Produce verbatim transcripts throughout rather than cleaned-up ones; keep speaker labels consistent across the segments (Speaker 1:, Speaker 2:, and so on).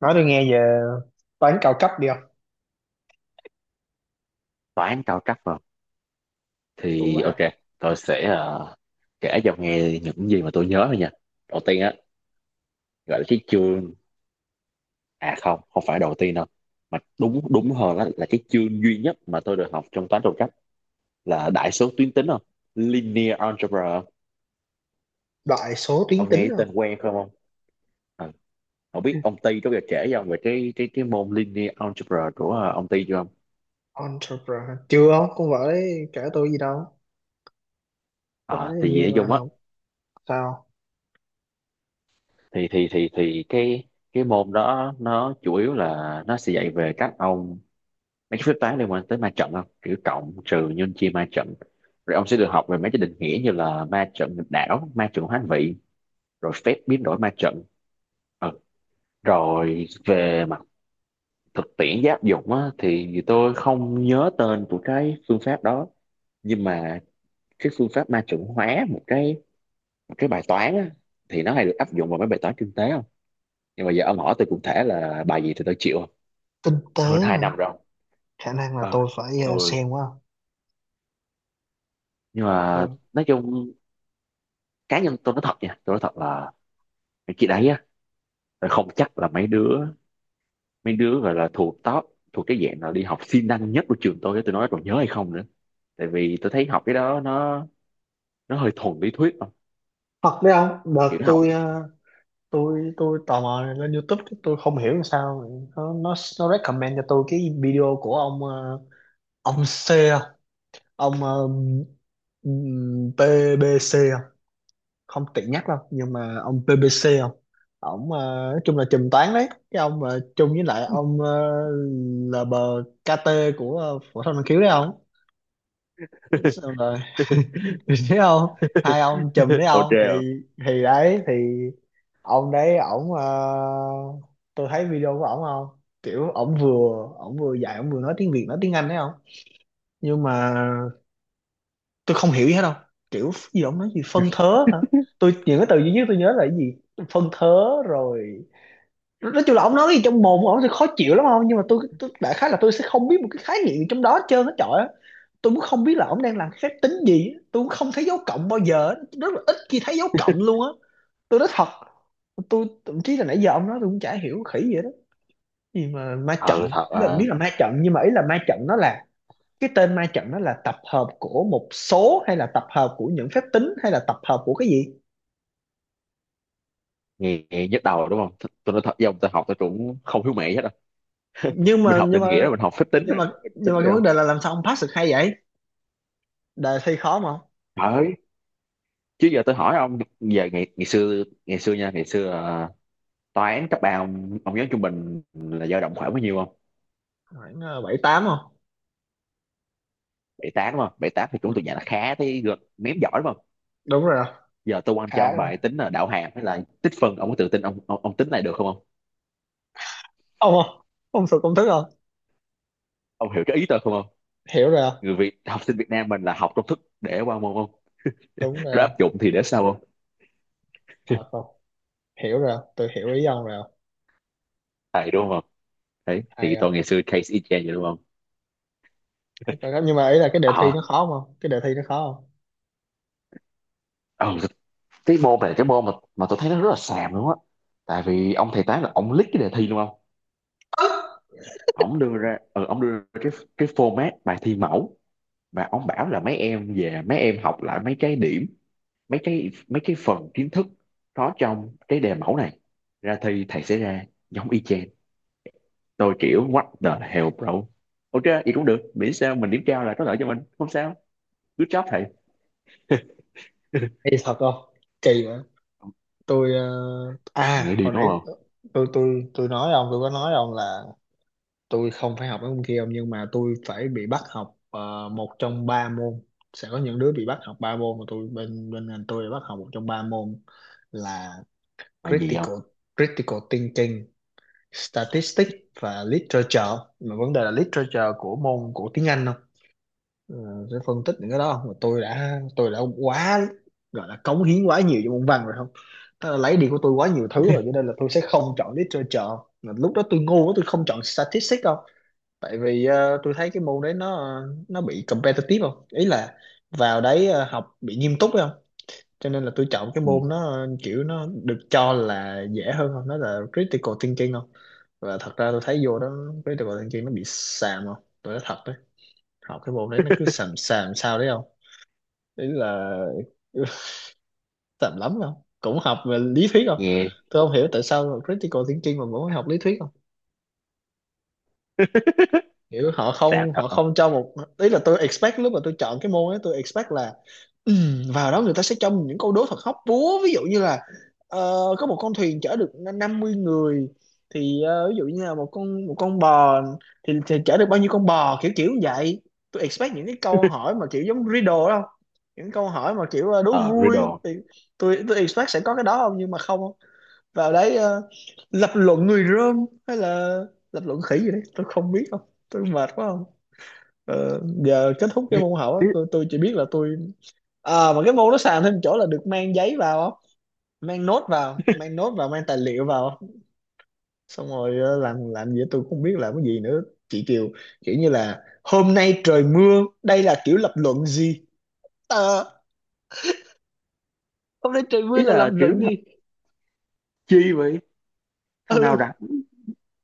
Speaker 1: Nói tôi nghe về toán cao cấp đi không.
Speaker 2: Toán cao cấp vào
Speaker 1: Đúng
Speaker 2: thì
Speaker 1: vậy
Speaker 2: ok.
Speaker 1: không?
Speaker 2: Tôi sẽ ờ, kể cho ông nghe những gì mà tôi nhớ thôi nha. Đầu tiên á, gọi là cái chương, à không, không phải đầu tiên đâu, mà đúng đúng hơn là, là cái chương duy nhất mà tôi được học trong toán cao cấp là đại số tuyến tính không, linear algebra.
Speaker 1: Đại số tuyến
Speaker 2: Ông nghe
Speaker 1: tính
Speaker 2: cái tên
Speaker 1: không?
Speaker 2: quen không ông? Ờ, ông biết
Speaker 1: Ừ.
Speaker 2: ông Ty có bao giờ kể cho ông về cái cái cái môn linear algebra của ờ, ông Ty chưa không?
Speaker 1: Entrepreneur chưa không, con vợ đấy kể tôi gì đâu. Con vợ
Speaker 2: À,
Speaker 1: đấy hình
Speaker 2: thì
Speaker 1: như
Speaker 2: nói
Speaker 1: là
Speaker 2: chung á,
Speaker 1: học, sao?
Speaker 2: thì thì thì thì cái cái môn đó nó chủ yếu là nó sẽ dạy về các ông mấy cái phép toán liên quan tới ma trận không, kiểu cộng trừ nhân chia ma trận. Rồi ông sẽ được học về mấy cái định nghĩa như là ma trận nghịch đảo, ma trận hoán vị, rồi phép biến đổi ma trận. ừ. Rồi về mặt thực tiễn áp dụng á, thì tôi không nhớ tên của cái phương pháp đó, nhưng mà cái phương pháp ma trận hóa một cái, một cái bài toán á, thì nó hay được áp dụng vào mấy bài toán kinh tế không. Nhưng mà giờ ông hỏi tôi cụ thể là bài gì thì tôi chịu không?
Speaker 1: Kinh tế
Speaker 2: Hơn hai
Speaker 1: hả?
Speaker 2: năm rồi.
Speaker 1: Khả năng là
Speaker 2: Ờ
Speaker 1: tôi phải ờ,
Speaker 2: tôi
Speaker 1: xem quá.
Speaker 2: Nhưng mà
Speaker 1: Tôi
Speaker 2: nói chung, cá nhân tôi nói thật nha, tôi nói thật là mấy chị đấy á, là không chắc là mấy đứa, mấy đứa gọi là thuộc top, thuộc cái dạng là đi học siêng năng nhất của trường tôi á, tôi nói còn nhớ hay không nữa. Tại vì tôi thấy học cái đó nó nó hơi thuần lý thuyết không,
Speaker 1: thật đấy không,
Speaker 2: kiểu
Speaker 1: đợt
Speaker 2: nó học.
Speaker 1: tôi ờ, tôi tôi tò mò lên YouTube cái tôi không hiểu làm sao nó nó nó recommend cho tôi cái video của ông ờ, ông C, ông ờ, ừm, pê bê xê, không tiện nhắc đâu nhưng mà ông bê bê xê không. Ổng ờ, nói chung là trùm toán đấy, cái ông mà chung với lại ông ờ, lờ bê ca tê của ờ, phổ thông năng khiếu đấy không. Xong rồi thấy không, hai ông chùm đấy
Speaker 2: Ok
Speaker 1: không
Speaker 2: không.
Speaker 1: thì thì đấy thì ông đấy ổng ờ, tôi thấy video của ổng không, kiểu ổng vừa ổng vừa dạy ổng vừa nói tiếng Việt nói tiếng Anh đấy không. Nhưng mà tôi không hiểu gì hết đâu, kiểu gì đó ông nói gì phân thớ hả. Tôi, những cái từ duy nhất tôi nhớ là cái gì? Phân thớ rồi. Nói chung là ông nói cái gì trong mồm của ông thì khó chịu lắm không, nhưng mà tôi, tôi đại khái là tôi sẽ không biết một cái khái niệm gì trong đó hết trơn hết trời á. Tôi cũng không biết là ông đang làm cái phép tính gì, tôi cũng không thấy dấu cộng bao giờ á. Rất là ít khi thấy dấu cộng luôn á, tôi nói thật. Tôi thậm chí là nãy giờ ông nói tôi cũng chả hiểu khỉ gì đó, gì mà ma
Speaker 2: ờ
Speaker 1: trận,
Speaker 2: Thật
Speaker 1: ý là
Speaker 2: à?
Speaker 1: biết là ma trận nhưng mà ý là ma trận nó là cái tên, ma trận đó là tập hợp của một số hay là tập hợp của những phép tính hay là tập hợp của cái gì?
Speaker 2: Nghe, nghe nhức đầu đúng không? Th- tôi nói thật với ông, tôi học tôi cũng không hiểu mẹ hết đâu.
Speaker 1: nhưng
Speaker 2: Mình
Speaker 1: mà
Speaker 2: học
Speaker 1: nhưng
Speaker 2: định nghĩa,
Speaker 1: mà
Speaker 2: rồi mình học phép tính,
Speaker 1: nhưng
Speaker 2: rồi
Speaker 1: mà
Speaker 2: mình
Speaker 1: nhưng
Speaker 2: tính
Speaker 1: mà cái
Speaker 2: rồi
Speaker 1: vấn
Speaker 2: không.
Speaker 1: đề là làm sao ông pass được hay vậy, đề thi khó mà không?
Speaker 2: Đấy. Chứ giờ tôi hỏi ông, giờ ngày ngày xưa ngày xưa nha ngày xưa à, toán cấp ba ông, ông nhớ trung bình là dao động khoảng bao nhiêu không?
Speaker 1: Khoảng ờ, bảy tám không.
Speaker 2: Bảy tám đúng không? Bảy tám thì cũng tụi nhà nó khá, thấy gật ném giỏi đúng không?
Speaker 1: Đúng rồi không.
Speaker 2: Giờ tôi quăng cho
Speaker 1: Khá
Speaker 2: ông
Speaker 1: rồi
Speaker 2: bài tính là đạo hàm hay là tích phân, ông có tự tin ông, ông ông tính này được không ông?
Speaker 1: ông không, ông sụt công thức không.
Speaker 2: Ông hiểu cái ý tôi không ông?
Speaker 1: Hiểu rồi không.
Speaker 2: Người Việt, học sinh Việt Nam mình là học công thức để qua môn không,
Speaker 1: Đúng rồi
Speaker 2: rồi áp
Speaker 1: không.
Speaker 2: dụng thì để sau không.
Speaker 1: Thật không. Hiểu rồi không, tôi hiểu ý ông rồi không.
Speaker 2: Thầy đúng không. Đấy,
Speaker 1: Hay
Speaker 2: thì tôi
Speaker 1: không.
Speaker 2: ngày xưa case y chang vậy đúng không.
Speaker 1: Thấy coi đó. Nhưng mà ý là cái đề thi nó
Speaker 2: à
Speaker 1: khó không, cái đề thi nó khó không.
Speaker 2: ừ, cái môn này, cái môn mà mà tôi thấy nó rất là xàm luôn á. Tại vì ông thầy tá là ông lít cái đề thi đúng không, ông đưa ra ừ, ông đưa ra cái cái format bài thi mẫu mà ông bảo là mấy em về mấy em học lại mấy cái điểm, mấy cái mấy cái phần kiến thức có trong cái đề mẫu này, ra thi thầy sẽ ra giống y chang. Tôi kiểu what the hell bro. Ok vậy cũng được, miễn sao mình điểm cao là có lợi cho mình không sao. Good job thầy.
Speaker 1: Kỳ thật không? Kỳ vậy. Tôi ờ,
Speaker 2: Ông
Speaker 1: à
Speaker 2: nghe đi
Speaker 1: hồi
Speaker 2: đúng
Speaker 1: nãy
Speaker 2: không.
Speaker 1: tôi tôi tôi nói với ông, tôi có nói với ông là tôi không phải học mấy môn kia ông, nhưng mà tôi phải bị bắt học ờ, một trong ba môn. Sẽ có những đứa bị bắt học ba môn, mà tôi bên bên ngành tôi bị bắt học một trong ba môn là
Speaker 2: Là gì không.
Speaker 1: critical critical thinking, statistics và literature. Mà vấn đề là literature của môn của tiếng Anh không. Ờ, sẽ phân tích những cái đó không, mà tôi đã tôi đã quá, gọi là cống hiến quá nhiều cho môn văn rồi không. Tức là lấy đi của tôi quá nhiều thứ rồi, cho nên là tôi sẽ không chọn literature. Mà lúc đó tôi ngu quá tôi không chọn statistics, tại vì ờ, tôi thấy cái môn đấy nó nó bị competitive không, ý là vào đấy ờ, học bị nghiêm túc phải không. Cho nên là tôi chọn cái
Speaker 2: Ừ.
Speaker 1: môn nó kiểu nó được cho là dễ hơn không, nó là critical thinking không. Và thật ra tôi thấy vô đó critical thinking nó bị xàm không, tôi nói thật đấy, học cái môn đấy nó cứ xàm xàm sao đấy không, ý là xàm lắm không, cũng học về lý thuyết không.
Speaker 2: Nghe.
Speaker 1: Tôi không hiểu tại sao critical thinking mà vẫn phải học lý thuyết không. Kiểu họ
Speaker 2: Sao,
Speaker 1: không,
Speaker 2: thật
Speaker 1: họ
Speaker 2: không.
Speaker 1: không cho một, ý là tôi expect lúc mà tôi chọn cái môn ấy tôi expect là, ừ, vào đó người ta sẽ cho mình những câu đố thật hóc búa, ví dụ như là ờ, có một con thuyền chở được n- năm mươi người, thì ờ, ví dụ như là một con một con bò thì, thì chở được bao nhiêu con bò, kiểu kiểu như vậy. Tôi expect những cái câu hỏi mà kiểu giống riddle đó không, những câu hỏi mà kiểu ờ, đố
Speaker 2: ờ
Speaker 1: vui,
Speaker 2: Riddle.
Speaker 1: thì tôi tôi expect sẽ có cái đó không, nhưng mà không. Vào đấy ờ, lập luận người Rơm hay là lập luận khỉ gì đấy tôi không biết không. Tôi mệt quá. Ờ, giờ kết thúc cái môn học á,
Speaker 2: ý,
Speaker 1: tôi, tôi chỉ biết là tôi, à, mà cái môn nó sàn thêm chỗ là được mang giấy vào á, mang nốt vào mang nốt vào mang tài liệu vào. Xong rồi ờ, làm làm gì tôi cũng không biết làm cái gì nữa. Chị Kiều, kiểu như là hôm nay trời mưa, đây là kiểu lập luận gì? Ờ, hôm nay trời mưa
Speaker 2: ý
Speaker 1: là lập
Speaker 2: là kiểu
Speaker 1: luận đi.
Speaker 2: chi vậy, thằng nào
Speaker 1: Ừ,
Speaker 2: rảnh,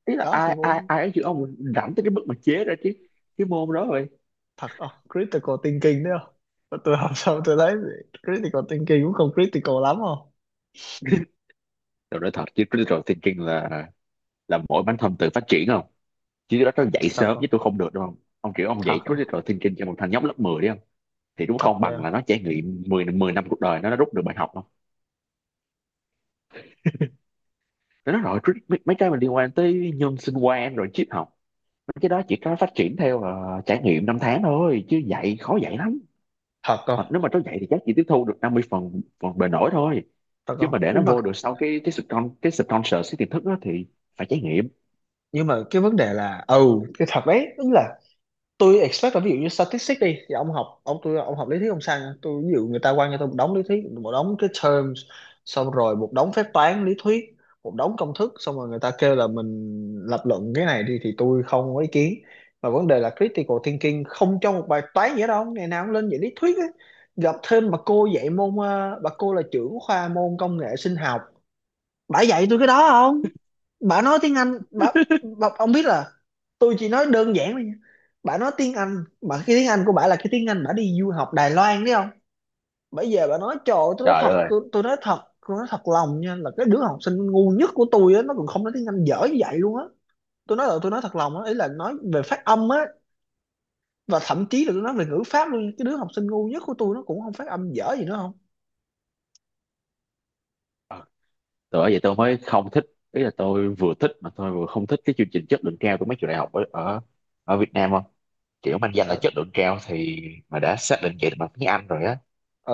Speaker 2: ý là
Speaker 1: đó
Speaker 2: ai
Speaker 1: thì
Speaker 2: ai
Speaker 1: môn,
Speaker 2: ai ấy chứ ông, rảnh tới cái mức mà chế ra cái cái môn đó rồi.
Speaker 1: thật không, critical thinking đấy không. Mà tôi học xong tôi thấy critical thinking cũng không critical lắm không.
Speaker 2: Tôi nói thật, chứ critical thinking là là mỗi bản thân tự phát triển không, chứ đó nó dạy
Speaker 1: Thật
Speaker 2: sớm
Speaker 1: không.
Speaker 2: chứ tôi không được đúng không. Ông kiểu ông
Speaker 1: Thật
Speaker 2: dạy
Speaker 1: không.
Speaker 2: critical thinking cho một thằng nhóc lớp mười đi không, thì đúng không
Speaker 1: Thật đấy
Speaker 2: bằng là
Speaker 1: không.
Speaker 2: nó trải nghiệm mười mười năm cuộc đời nó nó rút được bài học không. Nó nói rồi, crit- mấy, mấy cái mà liên quan tới nhân sinh quan rồi triết học, mấy cái đó chỉ có phát triển theo ờ, trải nghiệm năm tháng thôi, chứ dạy khó dạy lắm.
Speaker 1: Thật không.
Speaker 2: Hoặc nếu mà nó vậy thì chắc chỉ tiếp thu được năm mươi phần phần bề nổi thôi,
Speaker 1: Thật
Speaker 2: chứ mà
Speaker 1: không.
Speaker 2: để nó
Speaker 1: Nhưng mà
Speaker 2: vô được sau cái cái sponsor, cái sponsor cái tiềm thức đó thì phải trải nghiệm.
Speaker 1: nhưng mà cái vấn đề là, ừ, cái thật đấy, tức là tôi expect là ví dụ như statistics đi thì ông học ông tôi ông học lý thuyết ông sao nha, tôi ví dụ người ta quăng cho tôi một đống lý thuyết, một đống cái terms, xong rồi một đống phép toán lý thuyết, một đống công thức, xong rồi người ta kêu là mình lập luận cái này đi thì tôi không có ý kiến. Mà vấn đề là critical thinking không trong một bài toán gì hết đâu, ngày nào cũng lên dạy lý thuyết á. Gặp thêm bà cô dạy môn ờ, bà cô là trưởng khoa môn công nghệ sinh học, bả dạy tôi cái đó không. Bả nói tiếng Anh, bả, bả, ông biết là tôi chỉ nói đơn giản thôi nha, bả nói tiếng Anh mà cái tiếng Anh của bả là cái tiếng Anh bả đi du học Đài Loan đấy không. Bây giờ bả nói, trời ơi, tôi nói
Speaker 2: Trời
Speaker 1: thật,
Speaker 2: đất ơi.
Speaker 1: tôi, tôi nói thật. Tôi nói thật lòng nha, là cái đứa học sinh ngu nhất của tôi á nó còn không nói tiếng Anh dở như vậy luôn á. Tôi nói là tôi nói thật lòng á, ý là nói về phát âm á. Và thậm chí là tôi nói về ngữ pháp luôn, cái đứa học sinh ngu nhất của tôi nó cũng không phát âm dở gì nữa không.
Speaker 2: Ờ, từ Bởi vậy tôi mới không thích, ý là tôi vừa thích mà tôi vừa không thích cái chương trình chất lượng cao của mấy trường đại học ở ở, ở Việt Nam không. Kiểu mang danh là chất
Speaker 1: Sao.
Speaker 2: lượng cao thì mà đã xác định vậy bằng tiếng Anh rồi á,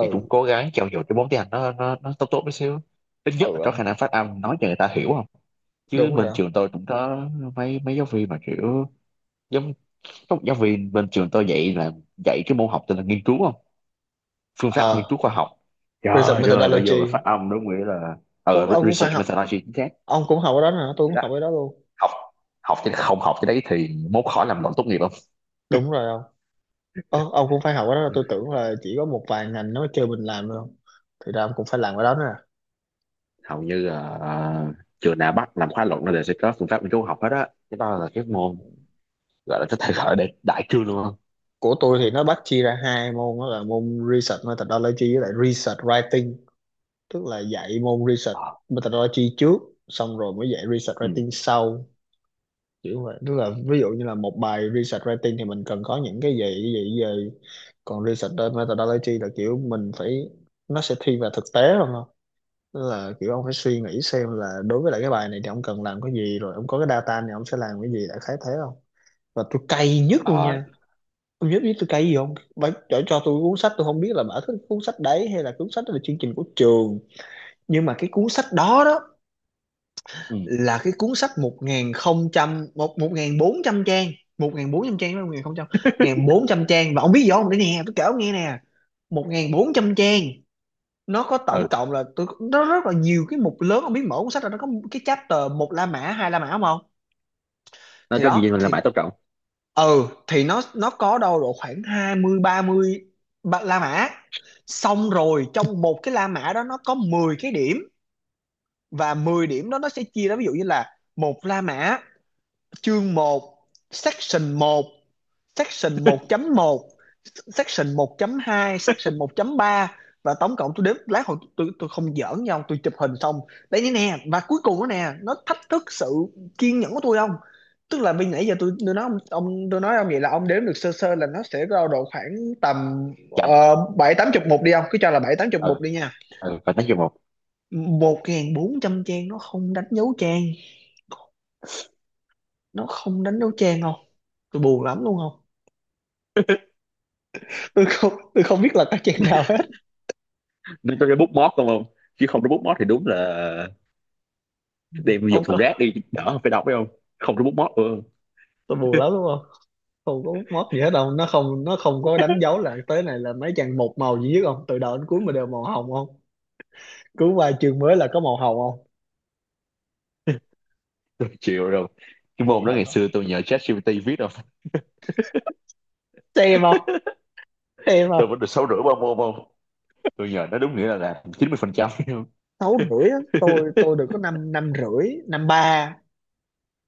Speaker 2: thì cũng cố gắng trau dồi cái vốn tiếng Anh nó nó nó tốt tốt một xíu, ít nhất là có khả
Speaker 1: Ừ.
Speaker 2: năng phát âm nói cho người ta hiểu không. Chứ
Speaker 1: Đúng rồi
Speaker 2: bên
Speaker 1: không.
Speaker 2: trường tôi cũng có mấy mấy giáo viên mà kiểu giống. Các giáo viên bên trường tôi dạy là dạy cái môn học tên là nghiên cứu không? Phương pháp nghiên cứu
Speaker 1: À,
Speaker 2: khoa học.
Speaker 1: research
Speaker 2: Trời ơi, bây giờ mà phát
Speaker 1: methodology.
Speaker 2: âm đúng nghĩa là
Speaker 1: Ủa,
Speaker 2: ờ,
Speaker 1: ông
Speaker 2: re-
Speaker 1: cũng phải
Speaker 2: research
Speaker 1: học,
Speaker 2: methodology chính xác.
Speaker 1: ông cũng học ở đó hả, tôi
Speaker 2: Thì
Speaker 1: cũng
Speaker 2: đó.
Speaker 1: học ở đó luôn.
Speaker 2: Học học chứ, không học cái đấy thì mốt khỏi làm luận tốt nghiệp không?
Speaker 1: Đúng rồi ông. Ơ, ông cũng phải học ở đó,
Speaker 2: Ừ.
Speaker 1: tôi tưởng là chỉ có một vài ngành nó kêu mình làm thôi, thì ra ông cũng phải làm ở đó nữa à.
Speaker 2: Hầu như là ờ, trường nào bắt làm khóa luận nó đều sẽ có phương pháp nghiên cứu học hết á. Cái đó là cái môn gọi là, có thể gọi để đại cương luôn không?
Speaker 1: Của tôi thì nó bắt chia ra hai môn, đó là môn research methodology với lại research writing, tức là dạy môn research
Speaker 2: Ờ.
Speaker 1: methodology trước, xong rồi mới dạy research
Speaker 2: Ừ.
Speaker 1: writing sau, kiểu vậy. Tức là ví dụ như là một bài research writing thì mình cần có những cái gì cái gì cái gì, còn research methodology là kiểu mình phải, nó sẽ thiên về thực tế hơn không. Tức là kiểu ông phải suy nghĩ xem là đối với lại cái bài này thì ông cần làm cái gì, rồi ông có cái data này ông sẽ làm cái gì, đại khái thế không. Và tôi cay nhất luôn
Speaker 2: Ờ.
Speaker 1: nha, ông biết biết tôi cay gì không, bà cho, cho tôi cuốn sách, tôi không biết là bà thích cuốn sách đấy hay là cuốn sách đó là chương trình của trường, nhưng mà cái cuốn sách đó đó
Speaker 2: Ừ.
Speaker 1: là cái cuốn sách một nghìn không trăm một một nghìn bốn trăm trang một nghìn bốn trăm trang với một nghìn không trăm một nghìn bốn trăm trang, và ông biết gì không, để nè tôi kể ông nghe nè, một nghìn bốn trăm trang, nó có tổng
Speaker 2: Ừ.
Speaker 1: cộng là, tôi, nó rất là nhiều cái mục lớn không, biết mở cuốn sách là nó có cái chapter một La Mã, hai La Mã không không.
Speaker 2: Nó
Speaker 1: Thì
Speaker 2: có gì
Speaker 1: đó
Speaker 2: mình làm
Speaker 1: thì,
Speaker 2: mãi tốt trọng.
Speaker 1: ừ thì nó nó có đâu độ khoảng hai mươi ba- mươi La Mã, xong rồi trong một cái La Mã đó nó có mười cái điểm, và mười điểm đó nó sẽ chia ra. Ví dụ như là một La Mã, chương một, section một, section 1 một, section một hai, section một ba. Và tổng cộng tôi đếm lát hồi, tôi tôi không giỡn nhau, tôi chụp hình xong đây như nè, và cuối cùng đó nè nó thách thức sự kiên nhẫn của tôi không. Tức là bây nãy giờ tôi tôi nói ông, ông tôi nói ông vậy là ông đếm được sơ sơ là nó sẽ rao độ khoảng tầm
Speaker 2: Chậm.
Speaker 1: ờ, bảy tám chục mục đi. Ông cứ cho là bảy tám chục
Speaker 2: Ừ.
Speaker 1: mục đi nha.
Speaker 2: Ừ. Và nói chung một.
Speaker 1: Một ngàn bốn trăm trang, nó không đánh dấu trang, nó không đánh dấu trang, không? Tôi buồn lắm luôn, không? Tôi không tôi không biết là các trang nào hết.
Speaker 2: Nó tôi cái bút mót không không? Chứ không có bút mót thì đúng là đem
Speaker 1: Ông
Speaker 2: dục thùng rác
Speaker 1: có,
Speaker 2: đi, đỡ phải đọc phải không. Không có bút móc. Ừ.
Speaker 1: tôi buồn lắm, đúng không? Không có mút gì hết đâu, nó không nó không có đánh dấu là tới này là mấy trang, một màu duy nhất, không, từ đầu đến cuối mà đều màu hồng, không, cứ qua chương mới là có màu hồng, không?
Speaker 2: Tôi chịu rồi, cái môn
Speaker 1: Buồn
Speaker 2: đó
Speaker 1: thật
Speaker 2: ngày
Speaker 1: á.
Speaker 2: xưa tôi nhờ ChatGPT viết đâu,
Speaker 1: Xem không? Xem
Speaker 2: tôi
Speaker 1: không?
Speaker 2: vẫn được sáu rưỡi ba môn không. Tôi nhờ nó đúng nghĩa là làm chín mươi phần trăm.
Speaker 1: Sáu rưỡi á? Tôi tôi được có năm, năm rưỡi, năm ba.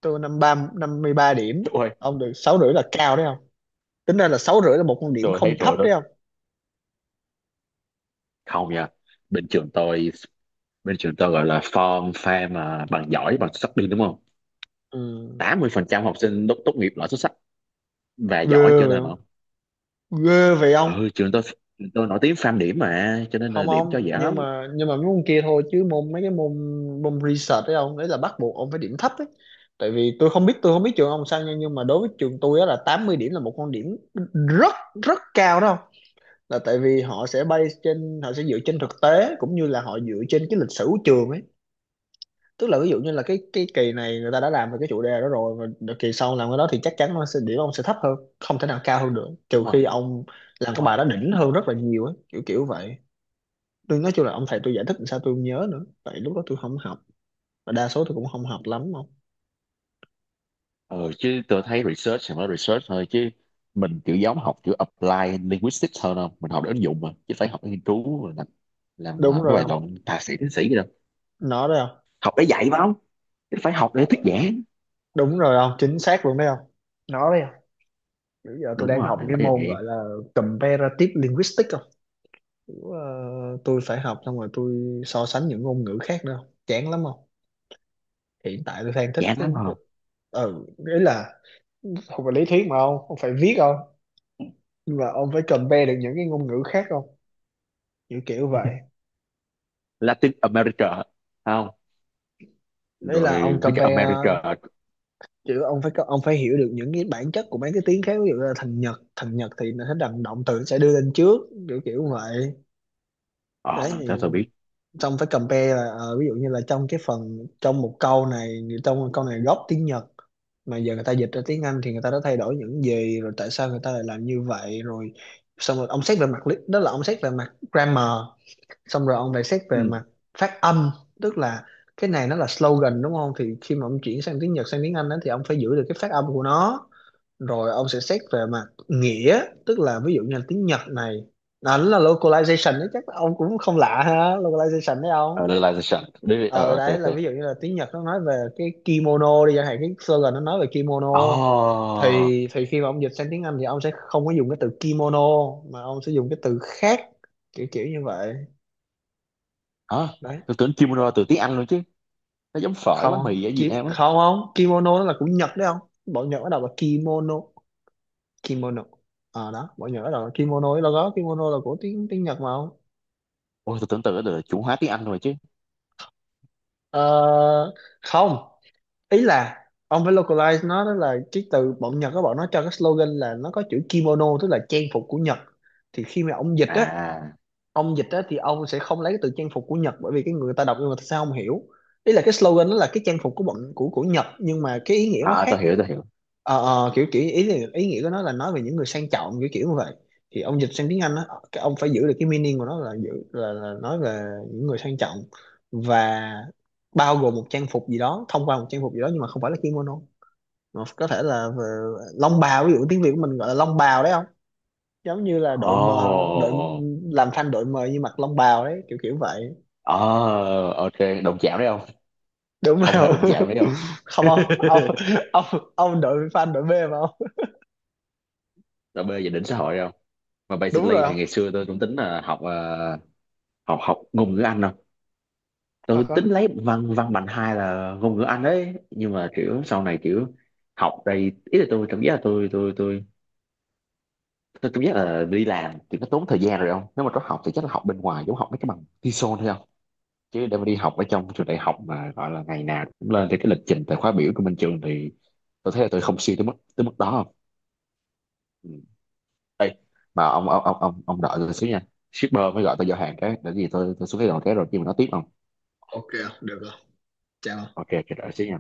Speaker 1: Tôi năm ba, năm mươi ba điểm.
Speaker 2: Ôi
Speaker 1: Ông được sáu rưỡi là cao đấy không? Tính ra là sáu rưỡi là một con điểm
Speaker 2: tôi thấy
Speaker 1: không thấp
Speaker 2: rồi
Speaker 1: đấy
Speaker 2: đó,
Speaker 1: không?
Speaker 2: không nha. Bên trường tôi bên trường tôi gọi là form fam mà bằng giỏi bằng xuất sắc đi đúng không.
Speaker 1: Ừ.
Speaker 2: Tám mươi phần trăm học sinh tốt, tốt nghiệp loại xuất sắc và giỏi
Speaker 1: Ghê
Speaker 2: trở
Speaker 1: vậy
Speaker 2: lên không.
Speaker 1: không? Ghê vậy ông.
Speaker 2: Ừ trường tôi, trường tôi nổi tiếng farm điểm mà cho nên là
Speaker 1: Không
Speaker 2: điểm cho
Speaker 1: ông,
Speaker 2: dễ
Speaker 1: nhưng
Speaker 2: lắm.
Speaker 1: mà nhưng mà mấy môn kia thôi, chứ môn, mấy cái môn, môn research đấy ông, đấy là bắt buộc ông phải điểm thấp ấy. Tại vì tôi không biết tôi không biết trường ông sao nha, nhưng mà đối với trường tôi á là tám mươi điểm là một con điểm rất rất cao đó không? Là tại vì họ sẽ base trên, họ sẽ dựa trên thực tế cũng như là họ dựa trên cái lịch sử của trường ấy. Tức là ví dụ như là cái cái kỳ này người ta đã làm về cái chủ đề đó rồi, và đợt kỳ sau làm cái đó thì chắc chắn nó sẽ điểm ông sẽ thấp hơn, không thể nào cao hơn được, trừ
Speaker 2: Đúng rồi.
Speaker 1: khi ông làm
Speaker 2: Đúng
Speaker 1: cái
Speaker 2: rồi.
Speaker 1: bài đó đỉnh hơn rất là nhiều ấy, kiểu kiểu vậy. Tôi nói chung là ông thầy tôi giải thích làm sao tôi không nhớ nữa, tại lúc đó tôi không học, và đa số tôi cũng không học lắm không.
Speaker 2: ờ Chứ tôi thấy research thì mới research thôi chứ, mình kiểu giống học kiểu apply linguistics hơn không, mình học để ứng dụng mà chứ phải học để nghiên cứu rồi làm làm
Speaker 1: Đúng
Speaker 2: ờ, mấy
Speaker 1: rồi
Speaker 2: bài
Speaker 1: không,
Speaker 2: luận thạc sĩ tiến sĩ gì đâu.
Speaker 1: nó đấy không.
Speaker 2: Học để dạy phải không, chứ phải học để
Speaker 1: Ờ,
Speaker 2: thuyết giảng.
Speaker 1: đúng rồi không, chính xác luôn đấy không, nó đấy không. Bây giờ tôi
Speaker 2: Đúng
Speaker 1: đang
Speaker 2: rồi,
Speaker 1: học
Speaker 2: bởi
Speaker 1: cái môn
Speaker 2: vậy.
Speaker 1: gọi là comparative linguistics không. Kiểu, ờ, tôi phải học xong rồi tôi so sánh những ngôn ngữ khác nữa không? Chán lắm không. Hiện tại tôi đang thích
Speaker 2: Chán
Speaker 1: cái,
Speaker 2: lắm không.
Speaker 1: ừ, ý là không phải lý thuyết mà ông ông phải viết không, nhưng mà ông phải compare được những cái ngôn ngữ khác không, kiểu kiểu vậy.
Speaker 2: Latin America không,
Speaker 1: Đấy là ông
Speaker 2: rồi mấy cái
Speaker 1: compare,
Speaker 2: America.
Speaker 1: chứ ông phải có- ông phải hiểu được những cái bản chất của mấy cái tiếng khác. Ví dụ là thằng Nhật thằng Nhật thì nó sẽ đằng động từ sẽ đưa lên trước, kiểu kiểu vậy. Đấy
Speaker 2: ờ Thế
Speaker 1: thì
Speaker 2: tôi biết.
Speaker 1: xong phải compare là ờ, ví dụ như là trong cái phần, trong một câu này trong một câu này gốc tiếng Nhật, mà giờ người ta dịch ra tiếng Anh thì người ta đã thay đổi những gì rồi, tại sao người ta lại làm như vậy. Rồi xong rồi ông xét về mặt lý, đó là ông xét về mặt grammar. Xong rồi ông lại xét về
Speaker 2: Ừ.
Speaker 1: mặt phát âm, tức là cái này nó là slogan đúng không, thì khi mà ông chuyển sang tiếng Nhật sang tiếng Anh đó, thì ông phải giữ được cái phát âm của nó. Rồi ông sẽ xét về mặt nghĩa, tức là ví dụ như là tiếng Nhật này, nó là localization đấy, chắc ông cũng không lạ ha, localization đấy ông.
Speaker 2: ờ, Realization đi, ờ
Speaker 1: Ờ,
Speaker 2: ok
Speaker 1: đấy là
Speaker 2: ok.
Speaker 1: ví dụ như là tiếng Nhật nó nói về cái kimono đi chẳng hạn, cái slogan nó nói về kimono,
Speaker 2: Ồ.
Speaker 1: thì thì khi mà ông dịch sang tiếng Anh thì ông sẽ không có dùng cái từ kimono, mà ông sẽ dùng cái từ khác, kiểu kiểu như vậy
Speaker 2: Hả,
Speaker 1: đấy.
Speaker 2: tôi tưởng
Speaker 1: Ờ,
Speaker 2: kimono từ tiếng Anh luôn chứ, nó giống phở bánh
Speaker 1: không
Speaker 2: mì ở Việt
Speaker 1: kim
Speaker 2: Nam á.
Speaker 1: không không kimono nó là của Nhật đấy không, bọn Nhật nó đọc là kimono, kimono. À đó, mọi người nhớ rồi, kimono là có, kimono là của tiếng tiếng Nhật mà không.
Speaker 2: Ôi tôi tưởng tượng nó là chủ hóa tiếng Anh rồi chứ.
Speaker 1: Ờ, không, ý là ông phải localize nó, đó là cái từ bọn Nhật, các bọn nó cho cái slogan là nó có chữ kimono, tức là trang phục của Nhật. Thì khi mà ông dịch á
Speaker 2: à
Speaker 1: ông dịch á thì ông sẽ không lấy cái từ trang phục của Nhật, bởi vì cái người ta đọc nhưng mà sao không hiểu. Ý là cái slogan nó là cái trang phục của bọn của của Nhật, nhưng mà cái ý nghĩa nó
Speaker 2: à, à
Speaker 1: khác.
Speaker 2: tôi hiểu, tôi hiểu
Speaker 1: ờ ờ, kiểu kiểu ý là- ý nghĩa của nó là nói về những người sang trọng, kiểu kiểu như vậy. Thì ông dịch sang tiếng Anh á, cái ông phải giữ được cái meaning của nó, là giữ là, là nói về những người sang trọng, và bao gồm một trang phục gì đó, thông qua một trang phục gì đó, nhưng mà không phải là kimono, mà có thể là về long bào, ví dụ tiếng Việt của mình gọi là long bào đấy không. Giống như là
Speaker 2: Ồ.
Speaker 1: đội mờ đội làm thanh, đội mờ như mặc long bào đấy, kiểu kiểu vậy.
Speaker 2: Oh, ok. Đụng chạm đấy không.
Speaker 1: Đúng
Speaker 2: Không hề
Speaker 1: rồi.
Speaker 2: đụng chạm đấy không.
Speaker 1: Không không ông ông ông đội fan đội B mà không?
Speaker 2: Là bê về đỉnh xã hội không. Mà
Speaker 1: Đúng
Speaker 2: basically
Speaker 1: rồi
Speaker 2: thì ngày
Speaker 1: không,
Speaker 2: xưa tôi cũng tính là học ờ, học học ngôn ngữ Anh không.
Speaker 1: thật
Speaker 2: Tôi
Speaker 1: á.
Speaker 2: tính lấy văn văn bằng hai là ngôn ngữ Anh đấy. Nhưng mà kiểu sau này kiểu học đây, ý là tôi cảm giác là tôi tôi tôi tôi cảm giác là đi làm thì nó tốn thời gian rồi không, nếu mà có học thì chắc là học bên ngoài, giống học mấy cái bằng TESOL thôi không. Chứ để mà đi học ở trong trường đại học mà gọi là ngày nào cũng lên thì cái lịch trình tại khóa biểu của bên trường, thì tôi thấy là tôi không siêng tới mức tới mức đó không. Ừ. Đây, mà ông ông ông ông ông đợi tôi xíu nha, shipper mới gọi tôi giao hàng cái để gì, tôi tôi xuống cái đầu cái rồi khi mà nó tiếp không.
Speaker 1: Ok, được rồi, chào ông.
Speaker 2: Ok chờ đợi xíu nha.